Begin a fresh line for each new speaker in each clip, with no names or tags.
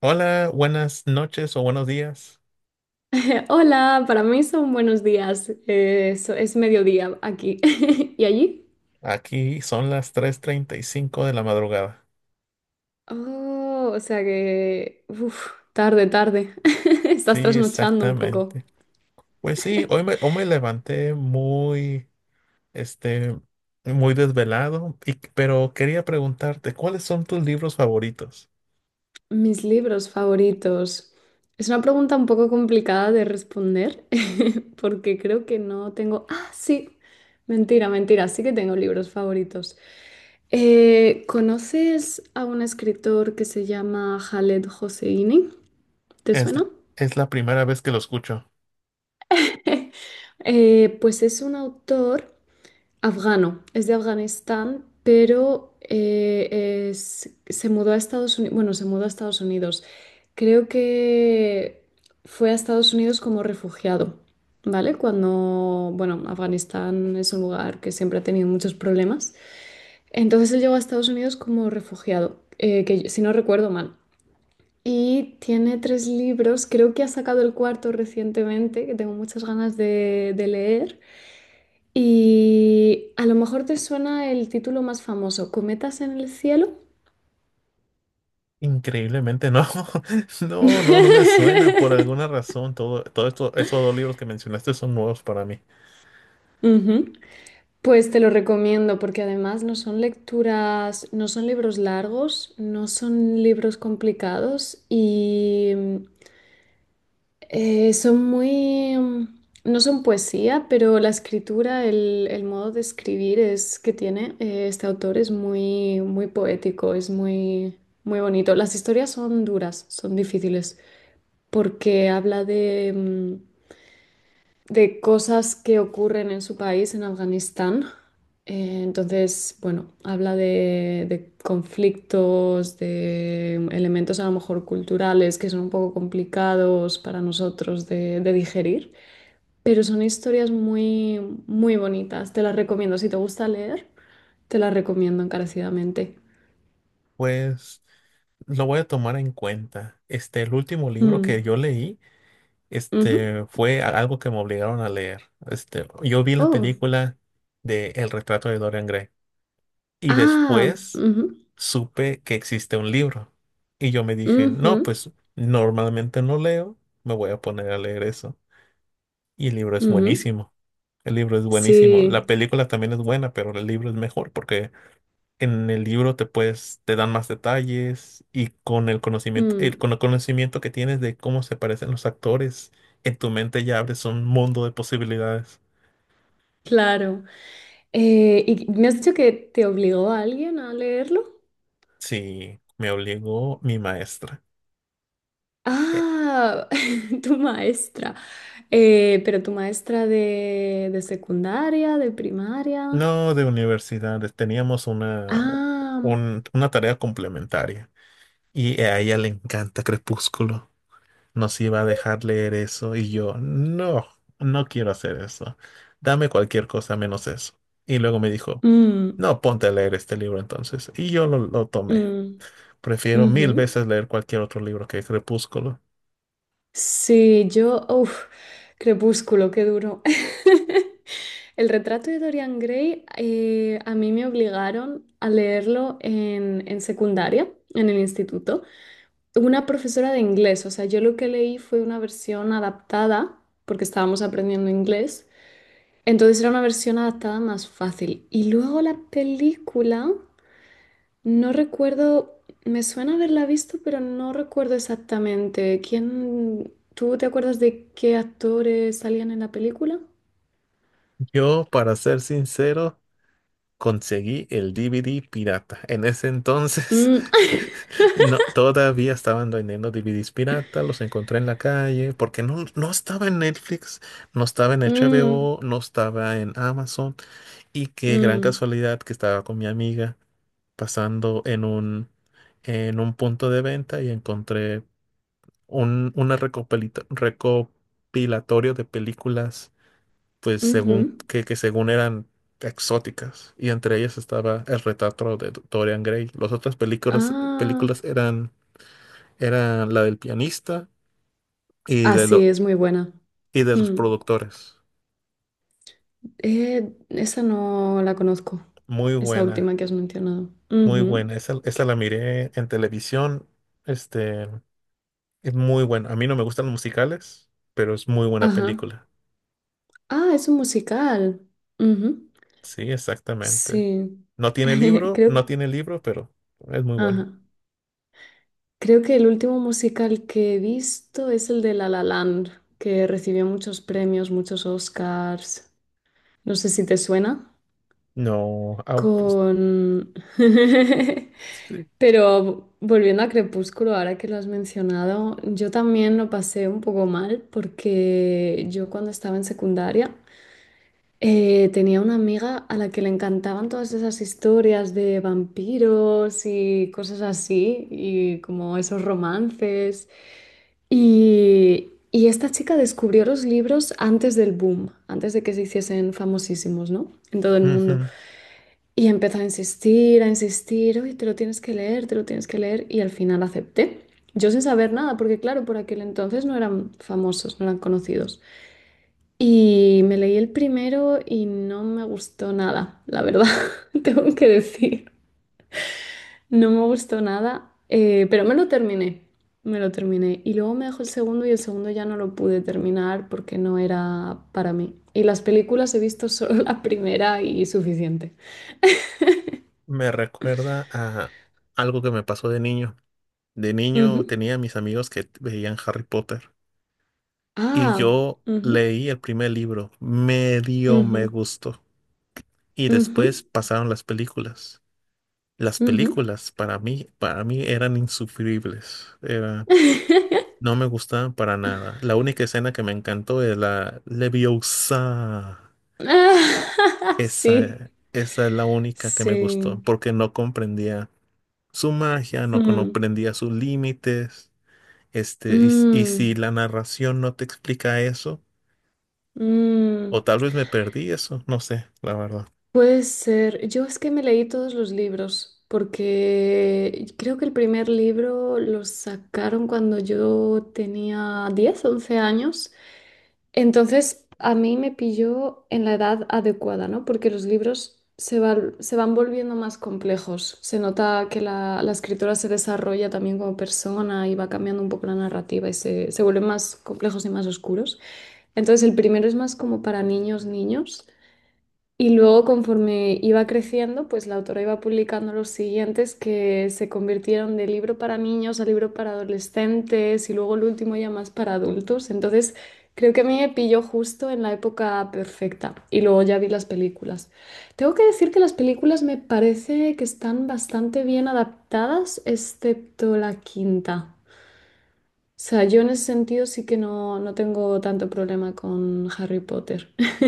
Hola, buenas noches o buenos días.
Hola, para mí son buenos días. Es mediodía aquí. ¿Y allí?
Aquí son las 3:35 de la madrugada.
Oh, o sea que, uf, tarde, tarde. Estás
Sí,
trasnochando un poco.
exactamente. Pues sí, hoy me levanté muy, este, muy desvelado, pero quería preguntarte, ¿cuáles son tus libros favoritos?
Mis libros favoritos. Es una pregunta un poco complicada de responder porque creo que no tengo. Ah, sí. Mentira, mentira. Sí que tengo libros favoritos. ¿Conoces a un escritor que se llama Khaled Hosseini? ¿Te
Es,
suena?
es la primera vez que lo escucho.
Pues es un autor afgano, es de Afganistán, pero se mudó a Estados Unidos, bueno, se mudó a Estados Unidos. Creo que fue a Estados Unidos como refugiado, ¿vale? Cuando, bueno, Afganistán es un lugar que siempre ha tenido muchos problemas. Entonces él llegó a Estados Unidos como refugiado, si no recuerdo mal. Y tiene tres libros, creo que ha sacado el cuarto recientemente, que tengo muchas ganas de leer. Y a lo mejor te suena el título más famoso, ¿Cometas en el cielo?
Increíblemente, no. No, no, no me suena. Por alguna razón, todo esto, esos dos libros que mencionaste son nuevos para mí.
Ujú. Pues te lo recomiendo porque además no son lecturas, no son libros largos, no son libros complicados y Eh, son muy, mm, no son poesía, pero la escritura, el modo de escribir es que tiene este autor es muy, muy poético, es muy, muy bonito. Las historias son duras, son difíciles, porque habla mm, de cosas que ocurren en su país, en Afganistán. Entonces, bueno, habla de conflictos, de elementos a lo mejor culturales que son un poco complicados para nosotros de digerir, pero son historias muy, muy bonitas. Te las recomiendo. Si te gusta leer, te las recomiendo encarecidamente.
Pues lo voy a tomar en cuenta. El último libro que
Mm,
yo leí,
ujú.
algo que me obligaron a leer. Yo vi la
Oh,
película de El retrato de Dorian Gray y
ah,
después
ujú,
supe que existe un libro. Y yo me dije,
ujú,
no, pues normalmente no leo, me voy a poner a leer eso. Y el libro es
ujú.
buenísimo. El libro es buenísimo. La
Sí.
película también es buena, pero el libro es mejor porque en el libro te dan más detalles y con el conocimiento,
Mm.
con el conocimiento que tienes de cómo se parecen los actores, en tu mente ya abres un mundo de posibilidades.
Claro. ¿Y me has dicho que te obligó a alguien a leerlo?
Sí, me obligó mi maestra. Eh,
Ah, tu maestra. Pero tu maestra de secundaria, de primaria.
No de universidades, teníamos
Ah,
una tarea complementaria y a ella le encanta Crepúsculo. Nos iba a dejar leer eso y yo, no, no quiero hacer eso. Dame cualquier cosa menos eso. Y luego me dijo,
mm,
no, ponte a leer este libro entonces. Y yo lo tomé.
mm,
Prefiero
ujú.
mil veces leer cualquier otro libro que Crepúsculo.
Sí, Crepúsculo, qué duro. El retrato de Dorian Gray, a mí me obligaron a leerlo en secundaria, en el instituto. Una profesora de inglés, o sea, yo lo que leí fue una versión adaptada, porque estábamos aprendiendo inglés, entonces era una versión adaptada más fácil. Y luego la película, no recuerdo, me suena haberla visto, pero no recuerdo exactamente. ¿Quién, tú te acuerdas de qué actores salían en la película?
Yo, para ser sincero, conseguí el DVD pirata. En ese entonces,
Mm,
no, todavía estaban vendiendo DVDs pirata, los encontré en la calle, porque no, no estaba en Netflix, no estaba en
mm,
HBO, no estaba en Amazon. Y qué gran
mm,
casualidad que estaba con mi amiga pasando en un punto de venta y encontré recopilatorio de películas, pues según
ujú.
que según eran exóticas. Y entre ellas estaba el retrato de Dorian Gray. Las otras
Ah,
películas eran la del pianista y
ah,
de, lo-
sí, es muy buena.
y de los
Mm.
productores.
Esa no la conozco,
Muy
esa
buena,
última que has mencionado.
muy
Ujú.
buena. Esa la miré en televisión. Este. Es muy bueno. A mí no me gustan los musicales, pero es muy buena
Ajá.
película.
Ah, es un musical. Ujú.
Sí, exactamente.
Sí.
No tiene libro, no
Creo,
tiene libro, pero es muy bueno.
ajá. Creo que el último musical que he visto es el de La La Land, que recibió muchos premios, muchos Oscars. No sé si te suena.
No, ah, pues,
Con...
sí.
Pero volviendo a Crepúsculo, ahora que lo has mencionado, yo también lo pasé un poco mal porque yo cuando estaba en secundaria tenía una amiga a la que le encantaban todas esas historias de vampiros y cosas así, y como esos romances. Y esta chica descubrió los libros antes del boom, antes de que se hiciesen famosísimos, ¿no? En todo el mundo.
Ujú.
Y empezó a insistir, oye, te lo tienes que leer, te lo tienes que leer, y al final acepté. Yo sin saber nada, porque claro, por aquel entonces no eran famosos, no eran conocidos. Y me leí el primero y no me gustó nada, la verdad, tengo que decir. No me gustó nada, pero me lo terminé, me lo terminé. Y luego me dejó el segundo y el segundo ya no lo pude terminar porque no era para mí. Y las películas he visto solo la primera y suficiente.
Me recuerda a algo que me pasó de niño. De niño
Ujú.
tenía mis amigos que veían Harry Potter y
Ah,
yo
ujú.
leí el primer libro. Medio me
Ujú,
gustó. Y
ujú,
después pasaron las películas. Las
ujú.
películas para mí eran insufribles. Era No me gusta para nada. La única escena que me encantó es la Leviosa.
Ah, sí,
Esa es la única que me
sí.
gustó, porque no comprendía su magia, no
Mm,
comprendía sus límites. Y
mm,
si la narración no te explica eso,
mm.
o tal vez me perdí eso, no sé, la verdad.
Puede ser. Yo es que me leí todos los libros, porque creo que el primer libro lo sacaron cuando yo tenía 10 u 11 años. Entonces, a mí me pilló en la edad adecuada, ¿no? Porque los libros se van volviendo más complejos. Se nota que la escritora se desarrolla también como persona y va cambiando un poco la narrativa y se vuelven más complejos y más oscuros. Entonces, el primero es más como para niños, niños. Y luego, conforme iba creciendo, pues la autora iba publicando los siguientes que se convirtieron de libro para niños a libro para adolescentes y luego el último ya más para adultos. Entonces, creo que a mí me pilló justo en la época perfecta y luego ya vi las películas. Tengo que decir que las películas me parece que están bastante bien adaptadas, excepto la quinta. O sea, yo en ese sentido sí que no tengo tanto problema con Harry Potter.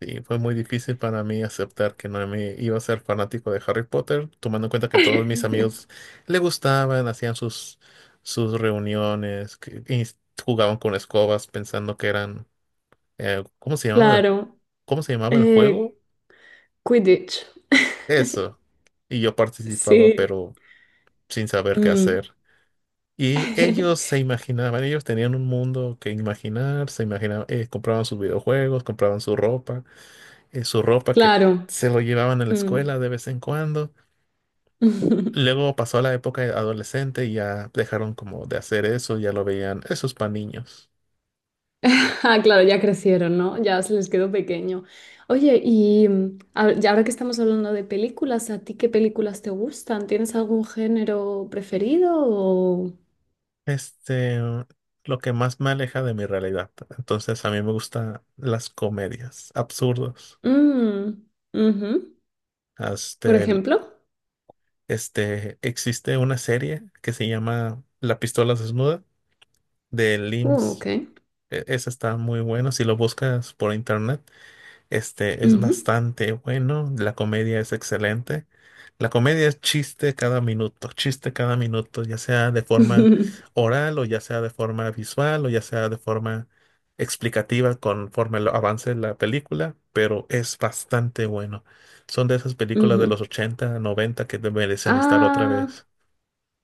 Sí, fue muy difícil para mí aceptar que no me iba a ser fanático de Harry Potter, tomando en cuenta que todos mis amigos le gustaban, hacían sus reuniones, jugaban con escobas pensando que eran, eh, ¿cómo se llamaba el,
Claro,
¿cómo se llamaba el juego?
eh, Quidditch.
Eso. Y yo participaba,
Sí.
pero sin saber qué
Mm.
hacer. Y ellos se imaginaban, ellos tenían un mundo que imaginar, se imaginaban, compraban sus videojuegos, compraban su ropa que
Claro.
se lo llevaban a la
Mm.
escuela de vez en cuando. Luego pasó la época de adolescente y ya dejaron como de hacer eso, ya lo veían, esos para niños.
Ah, claro, ya crecieron, ¿no? Ya se les quedó pequeño. Oye, y ahora que estamos hablando de películas, ¿a ti qué películas te gustan? ¿Tienes algún género preferido o...
Este, lo que más me aleja de mi realidad. Entonces a mí me gustan las comedias absurdas.
Mm, ujú. ¿Por
Este, el-
ejemplo?
existe una serie que se llama La pistola desnuda de LIMS.
Ok.
Esa está muy buena si lo buscas por internet. Este es
Ujú.
bastante bueno, la comedia es excelente. La comedia es chiste cada minuto, ya sea de forma oral o ya sea de forma visual o ya sea de forma explicativa avance la película, pero es bastante bueno. Son de esas películas de
Ujú.
los 80, 90 que te merecen estar otra
Ah,
vez.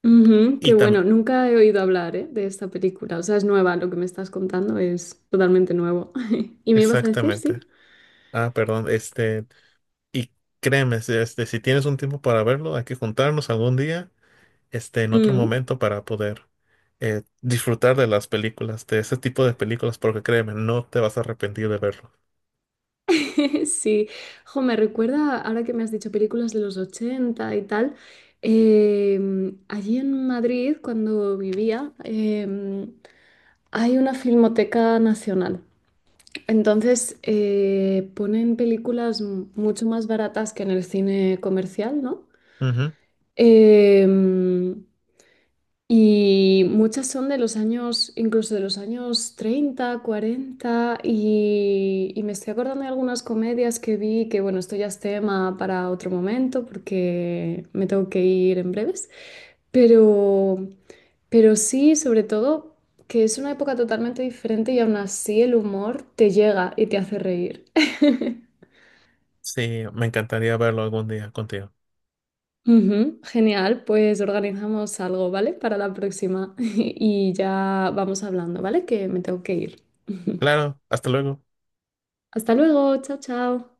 ujú,
Y
qué bueno,
también,
nunca he oído hablar, ¿eh? De esta película, o sea, es nueva, lo que me estás contando es totalmente nuevo. ¿Y me ibas a decir,
exactamente.
sí?
Ah, perdón, y créeme, si tienes un tiempo para verlo, hay que juntarnos algún día en otro
Mm.
momento para poder disfrutar de las películas, de ese tipo de películas, porque créeme, no te vas a arrepentir de verlo.
Sí, jo, me recuerda, ahora que me has dicho películas de los 80 y tal, allí en Madrid, cuando vivía, hay una filmoteca nacional. Entonces, ponen películas mucho más baratas que en el cine comercial, ¿no?
Ujú.
Em, Y muchas son de los años, incluso de los años 30, 40, y me estoy acordando de algunas comedias que vi, que bueno, esto ya es tema para otro momento porque me tengo que ir en breves, pero, pero, sí, sobre todo, que es una época totalmente diferente y aún así el humor te llega y te hace reír.
Sí, me encantaría verlo algún día contigo.
Ujú, genial, pues organizamos algo, ¿vale? Para la próxima y ya vamos hablando, ¿vale? Que me tengo que ir.
Claro, hasta luego.
Hasta luego, chao, chao.